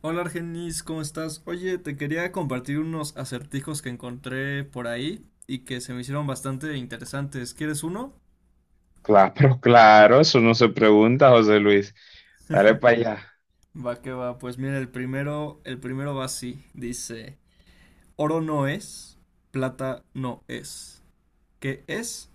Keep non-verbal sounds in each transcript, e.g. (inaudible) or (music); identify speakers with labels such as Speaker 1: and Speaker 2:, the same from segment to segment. Speaker 1: Hola Argenis, ¿cómo estás? Oye, te quería compartir unos acertijos que encontré por ahí y que se me hicieron bastante interesantes. ¿Quieres uno?
Speaker 2: Claro, (laughs) claro, eso no se pregunta, José Luis. Dale
Speaker 1: (laughs)
Speaker 2: para allá.
Speaker 1: Va que va, pues mira, el primero va así, dice, oro no es, plata no es. ¿Qué es?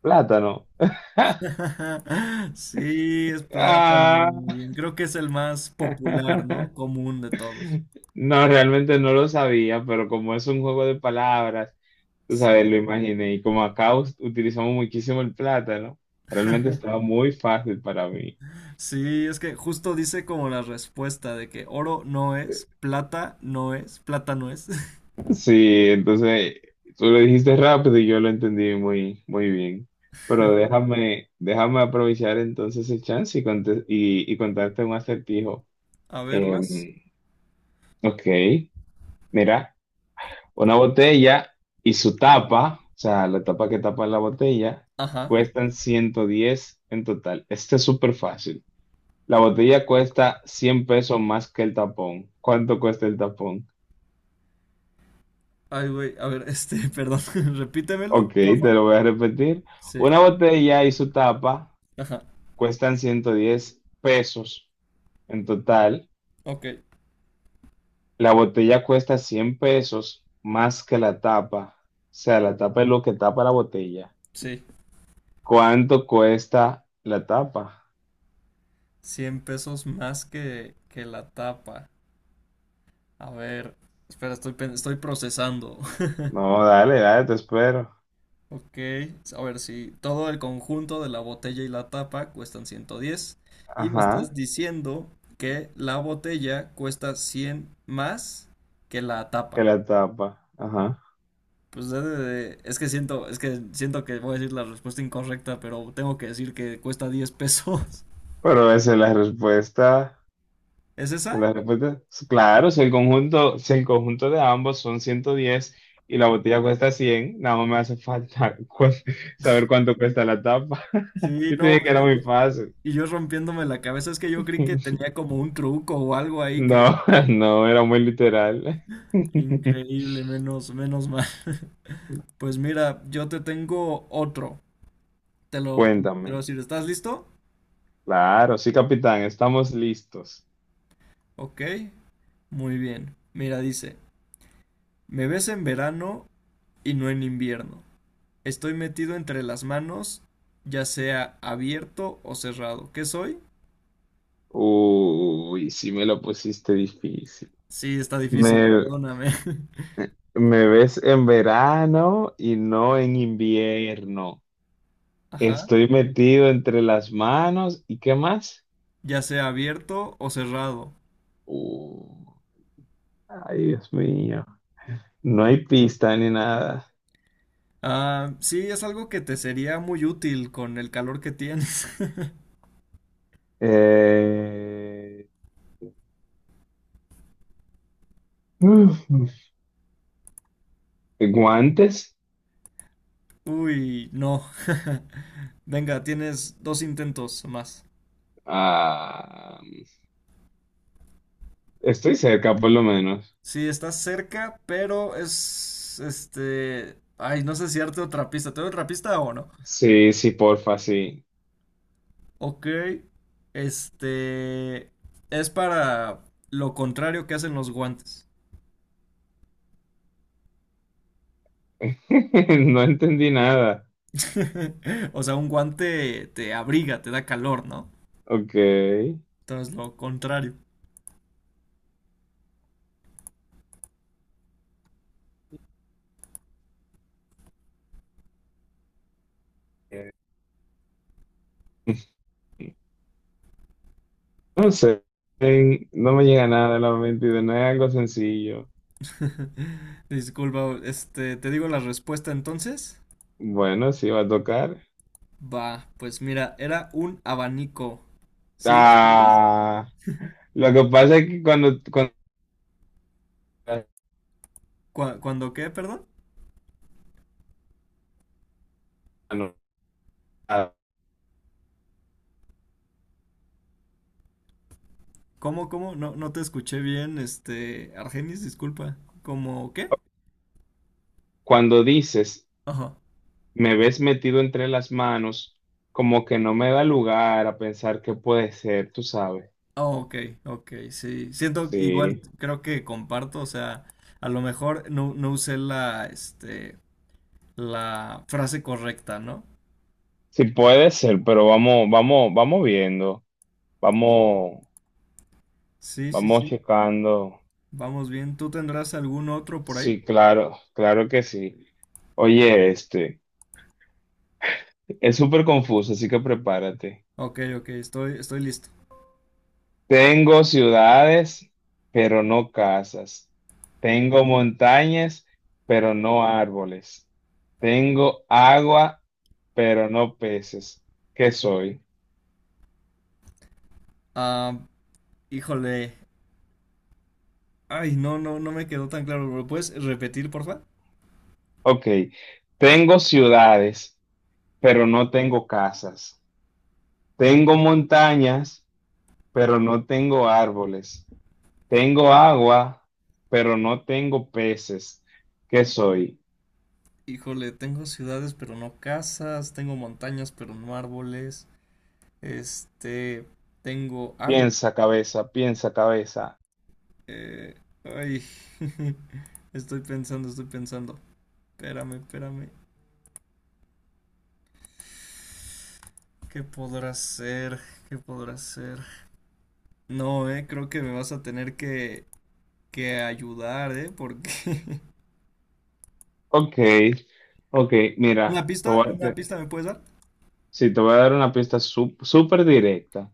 Speaker 2: Plátano. (laughs)
Speaker 1: (laughs) Sí, es plátano.
Speaker 2: Ah.
Speaker 1: Muy bien. Creo que es el más popular, ¿no? Común de todos.
Speaker 2: No, realmente no lo sabía, pero como es un juego de palabras, tú sabes,
Speaker 1: Sí.
Speaker 2: lo imaginé. Y como acá utilizamos muchísimo el plátano, realmente estaba muy fácil para mí.
Speaker 1: Sí, es que justo dice como la respuesta de que oro no es, plata no es, plata no es. (laughs)
Speaker 2: Sí, entonces tú lo dijiste rápido y yo lo entendí muy, muy bien. Pero déjame aprovechar entonces el chance y contarte un acertijo.
Speaker 1: A ver, más.
Speaker 2: Em, Ok, mira, una botella y su tapa, o sea, la tapa que tapa la botella,
Speaker 1: Ajá.
Speaker 2: cuestan 110 en total. Este es súper fácil. La botella cuesta 100 pesos más que el tapón. ¿Cuánto cuesta el tapón?
Speaker 1: Ay, güey, a ver, este, (laughs) perdón, (laughs)
Speaker 2: Ok,
Speaker 1: repítemelo,
Speaker 2: te
Speaker 1: porfa.
Speaker 2: lo voy a repetir.
Speaker 1: Sí,
Speaker 2: Una botella y su tapa
Speaker 1: ajá.
Speaker 2: cuestan 110 pesos en total.
Speaker 1: Ok,
Speaker 2: La botella cuesta 100 pesos más que la tapa. O sea, la tapa es lo que tapa la botella.
Speaker 1: sí.
Speaker 2: ¿Cuánto cuesta la tapa?
Speaker 1: 100 pesos más que la tapa. A ver, espera, estoy procesando. (laughs)
Speaker 2: No, dale, dale, te espero.
Speaker 1: Ok, a ver, si todo el conjunto de la botella y la tapa cuestan 110. Y me estás
Speaker 2: Ajá,
Speaker 1: diciendo que la botella cuesta 100 más que la tapa.
Speaker 2: que la tapa. Ajá.
Speaker 1: Pues es que siento que voy a decir la respuesta incorrecta, pero tengo que decir que cuesta 10 pesos.
Speaker 2: Pero esa es la respuesta.
Speaker 1: (laughs) ¿Es
Speaker 2: Esa es
Speaker 1: esa?
Speaker 2: la respuesta. Claro, si el conjunto de ambos son 110 y la botella cuesta 100, nada más me hace falta (laughs) saber cuánto cuesta la tapa. (laughs)
Speaker 1: Sí,
Speaker 2: Yo te
Speaker 1: no,
Speaker 2: dije que era
Speaker 1: pues, yo-
Speaker 2: muy fácil.
Speaker 1: y yo rompiéndome la cabeza, es que yo creí que
Speaker 2: (laughs)
Speaker 1: tenía como un truco o algo ahí que
Speaker 2: No, no, era muy literal. (laughs)
Speaker 1: increíble, menos, menos mal. (laughs) Pues mira, yo te tengo otro. Te lo voy a
Speaker 2: Cuéntame.
Speaker 1: decir, ¿estás listo?
Speaker 2: Claro, sí, capitán, estamos listos.
Speaker 1: Ok, muy bien. Mira, dice, me ves en verano y no en invierno. Estoy metido entre las manos, ya sea abierto o cerrado. ¿Qué soy?
Speaker 2: Uy, sí me lo pusiste difícil.
Speaker 1: Sí, está difícil,
Speaker 2: Me,
Speaker 1: perdóname. (laughs)
Speaker 2: me ves en verano y no en invierno.
Speaker 1: Ajá.
Speaker 2: Estoy metido entre las manos y ¿qué más?
Speaker 1: Ya sea abierto o cerrado.
Speaker 2: Uh, ay, Dios mío. No hay pista ni nada.
Speaker 1: Ah, sí, es algo que te sería muy útil con el calor que tienes. (laughs)
Speaker 2: Eh, (laughs) uf, ¿guantes?
Speaker 1: Uy, no. (laughs) Venga, tienes dos intentos más.
Speaker 2: Ah, estoy cerca, por lo menos.
Speaker 1: Sí, estás cerca, pero es este. Ay, no sé si darte otra pista. ¿Te doy otra pista o no?
Speaker 2: Sí, sí, porfa, sí.
Speaker 1: Ok, este es para lo contrario que hacen los guantes.
Speaker 2: (laughs) No entendí nada.
Speaker 1: (laughs) O sea, un guante te abriga, te da calor, ¿no?
Speaker 2: Ok.
Speaker 1: Entonces, lo contrario.
Speaker 2: No sé, no me llega nada de la mente y de no es algo sencillo.
Speaker 1: (laughs) Disculpa, te digo la respuesta entonces.
Speaker 2: Bueno, sí va a tocar.
Speaker 1: Va, pues mira, era un abanico. ¿Sí lo ubicas?
Speaker 2: Ah, lo que pasa es que cuando, cuando,
Speaker 1: Cua- ¿Cuándo qué, perdón? ¿Cómo? No, no te escuché bien, Argenis, disculpa. ¿Cómo qué?
Speaker 2: cuando dices,
Speaker 1: Ajá.
Speaker 2: me ves metido entre las manos, como que no me da lugar a pensar qué puede ser, tú sabes.
Speaker 1: Oh, ok, ok, sí. Siento igual,
Speaker 2: Sí,
Speaker 1: creo que comparto, o sea, a lo mejor no, no usé este, la frase correcta, ¿no?
Speaker 2: sí puede ser, pero vamos, vamos, vamos viendo, vamos,
Speaker 1: Sí, sí,
Speaker 2: vamos
Speaker 1: sí.
Speaker 2: checando.
Speaker 1: Vamos bien. ¿Tú tendrás algún otro por ahí?
Speaker 2: Sí, claro, claro que sí. Oye, este. Es súper confuso, así que prepárate.
Speaker 1: Ok, ok, estoy listo.
Speaker 2: Tengo ciudades, pero no casas. Tengo montañas, pero no árboles. Tengo agua, pero no peces. ¿Qué soy?
Speaker 1: Ah, híjole. Ay, no, no, no me quedó tan claro. ¿Lo puedes repetir, porfa?
Speaker 2: Ok. Tengo ciudades, pero no tengo casas. Tengo montañas, pero no tengo árboles. Tengo agua, pero no tengo peces. ¿Qué soy?
Speaker 1: Híjole, tengo ciudades, pero no casas. Tengo montañas, pero no árboles. Este, tengo agua.
Speaker 2: Piensa cabeza, piensa cabeza.
Speaker 1: Eh, ay, (laughs) estoy pensando. Espérame, espérame. ¿Qué podrá ser? ¿Qué podrá ser? No, creo que me vas a tener que ayudar, porque... (laughs)
Speaker 2: Ok, ok,
Speaker 1: ¿Una
Speaker 2: mira, te
Speaker 1: pista?
Speaker 2: voy a-
Speaker 1: ¿Una
Speaker 2: te-
Speaker 1: pista me puedes dar?
Speaker 2: sí, te voy a dar una pista súper directa.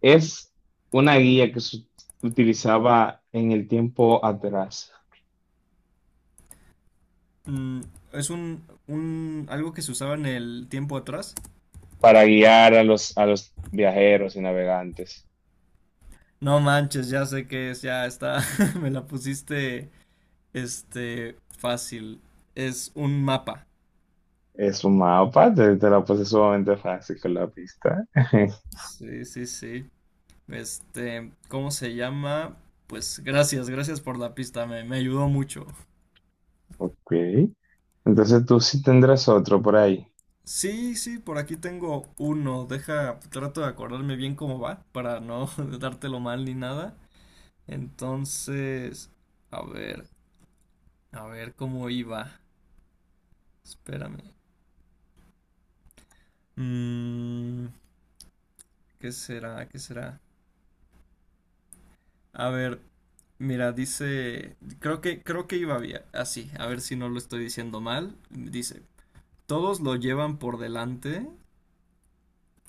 Speaker 2: Es una guía que se utilizaba en el tiempo atrás
Speaker 1: Mm, es un... algo que se usaba en el tiempo atrás.
Speaker 2: para guiar a los viajeros y navegantes.
Speaker 1: No manches, ya sé qué es, ya está. (laughs) Me la pusiste, fácil. Es un mapa.
Speaker 2: Es un mapa, te la puse sumamente fácil con la pista. (laughs)
Speaker 1: Sí, sí, sí. Este, ¿cómo se llama? Pues gracias, gracias por la pista, me ayudó mucho.
Speaker 2: Ok, entonces tú sí tendrás otro por ahí.
Speaker 1: Sí, sí, por aquí tengo uno. Deja, trato de acordarme bien cómo va para no (laughs) dártelo mal ni nada. Entonces, a ver, a ver cómo iba. Espérame. Mm, ¿qué será? ¿Qué será? A ver, mira, dice, creo que iba bien. Así, a ver si no lo estoy diciendo mal. Dice, todos lo llevan por delante,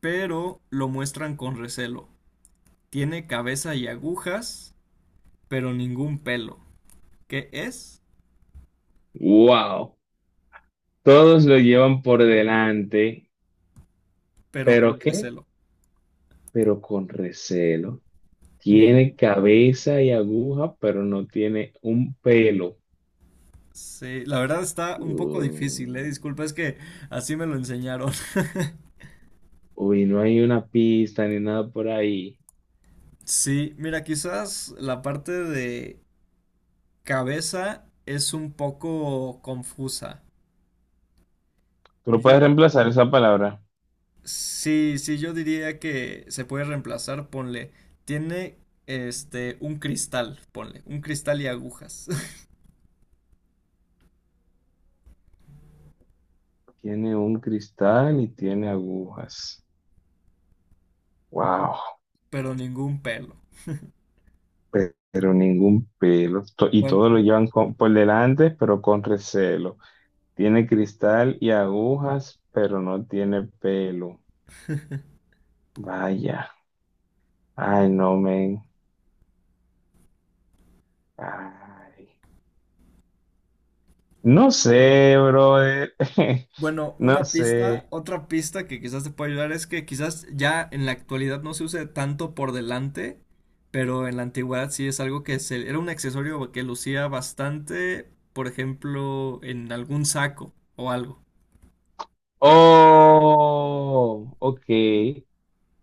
Speaker 1: pero lo muestran con recelo. Tiene cabeza y agujas, pero ningún pelo. ¿Qué es?
Speaker 2: Wow, todos lo llevan por delante,
Speaker 1: Pero
Speaker 2: pero
Speaker 1: con
Speaker 2: ¿qué?
Speaker 1: recelo.
Speaker 2: Pero con recelo.
Speaker 1: (laughs) Ujú.
Speaker 2: Tiene cabeza y aguja, pero no tiene un pelo.
Speaker 1: Sí, la verdad está un poco difícil, eh.
Speaker 2: Uh,
Speaker 1: Disculpa, es que así me lo enseñaron. (laughs)
Speaker 2: uy, no hay una pista ni nada por ahí.
Speaker 1: Sí, mira, quizás la parte de cabeza es un poco confusa.
Speaker 2: Tú no
Speaker 1: Yo-
Speaker 2: puedes reemplazar esa palabra.
Speaker 1: sí, sí, yo diría que se puede reemplazar, ponle, tiene un cristal, ponle, un cristal y agujas.
Speaker 2: Tiene un cristal y tiene agujas. Wow,
Speaker 1: Pero ningún pelo.
Speaker 2: pero ningún pelo. Y
Speaker 1: Bueno,
Speaker 2: todo lo llevan por delante, pero con recelo. Tiene cristal y agujas, pero no tiene pelo. Vaya. Ay, no, men. Ay. No sé, brother. (laughs)
Speaker 1: bueno,
Speaker 2: No
Speaker 1: una pista,
Speaker 2: sé.
Speaker 1: otra pista que quizás te pueda ayudar es que quizás ya en la actualidad no se use tanto por delante, pero en la antigüedad sí es algo que se, era un accesorio que lucía bastante, por ejemplo, en algún saco o algo.
Speaker 2: Oh, ok,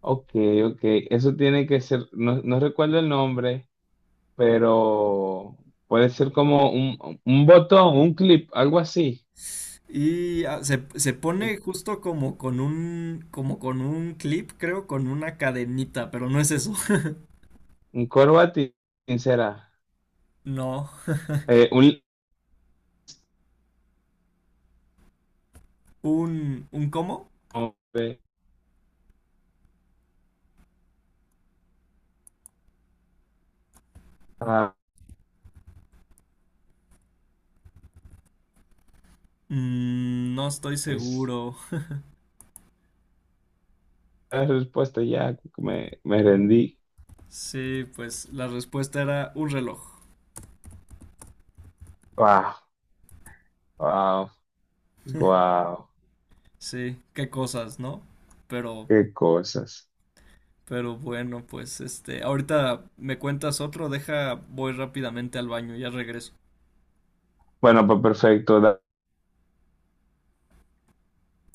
Speaker 2: ok, ok. Eso tiene que ser, no, no recuerdo el nombre, pero puede ser como un botón, un clip, algo así.
Speaker 1: Y ah, se pone
Speaker 2: Eh,
Speaker 1: justo como con un clip, creo, con una cadenita, pero no es eso. (laughs)
Speaker 2: Un corbatín será.
Speaker 1: No.
Speaker 2: Un...
Speaker 1: Un cómo?
Speaker 2: Ah,
Speaker 1: Mm, no estoy
Speaker 2: es-
Speaker 1: seguro.
Speaker 2: la respuesta ya me rendí.
Speaker 1: Sí, pues la respuesta era un reloj.
Speaker 2: Wow, wow,
Speaker 1: (laughs)
Speaker 2: wow.
Speaker 1: Sí, qué cosas, ¿no? Pero,
Speaker 2: Qué cosas.
Speaker 1: pero bueno, pues ahorita me cuentas otro, deja, voy rápidamente al baño, ya regreso.
Speaker 2: Bueno, pues perfecto.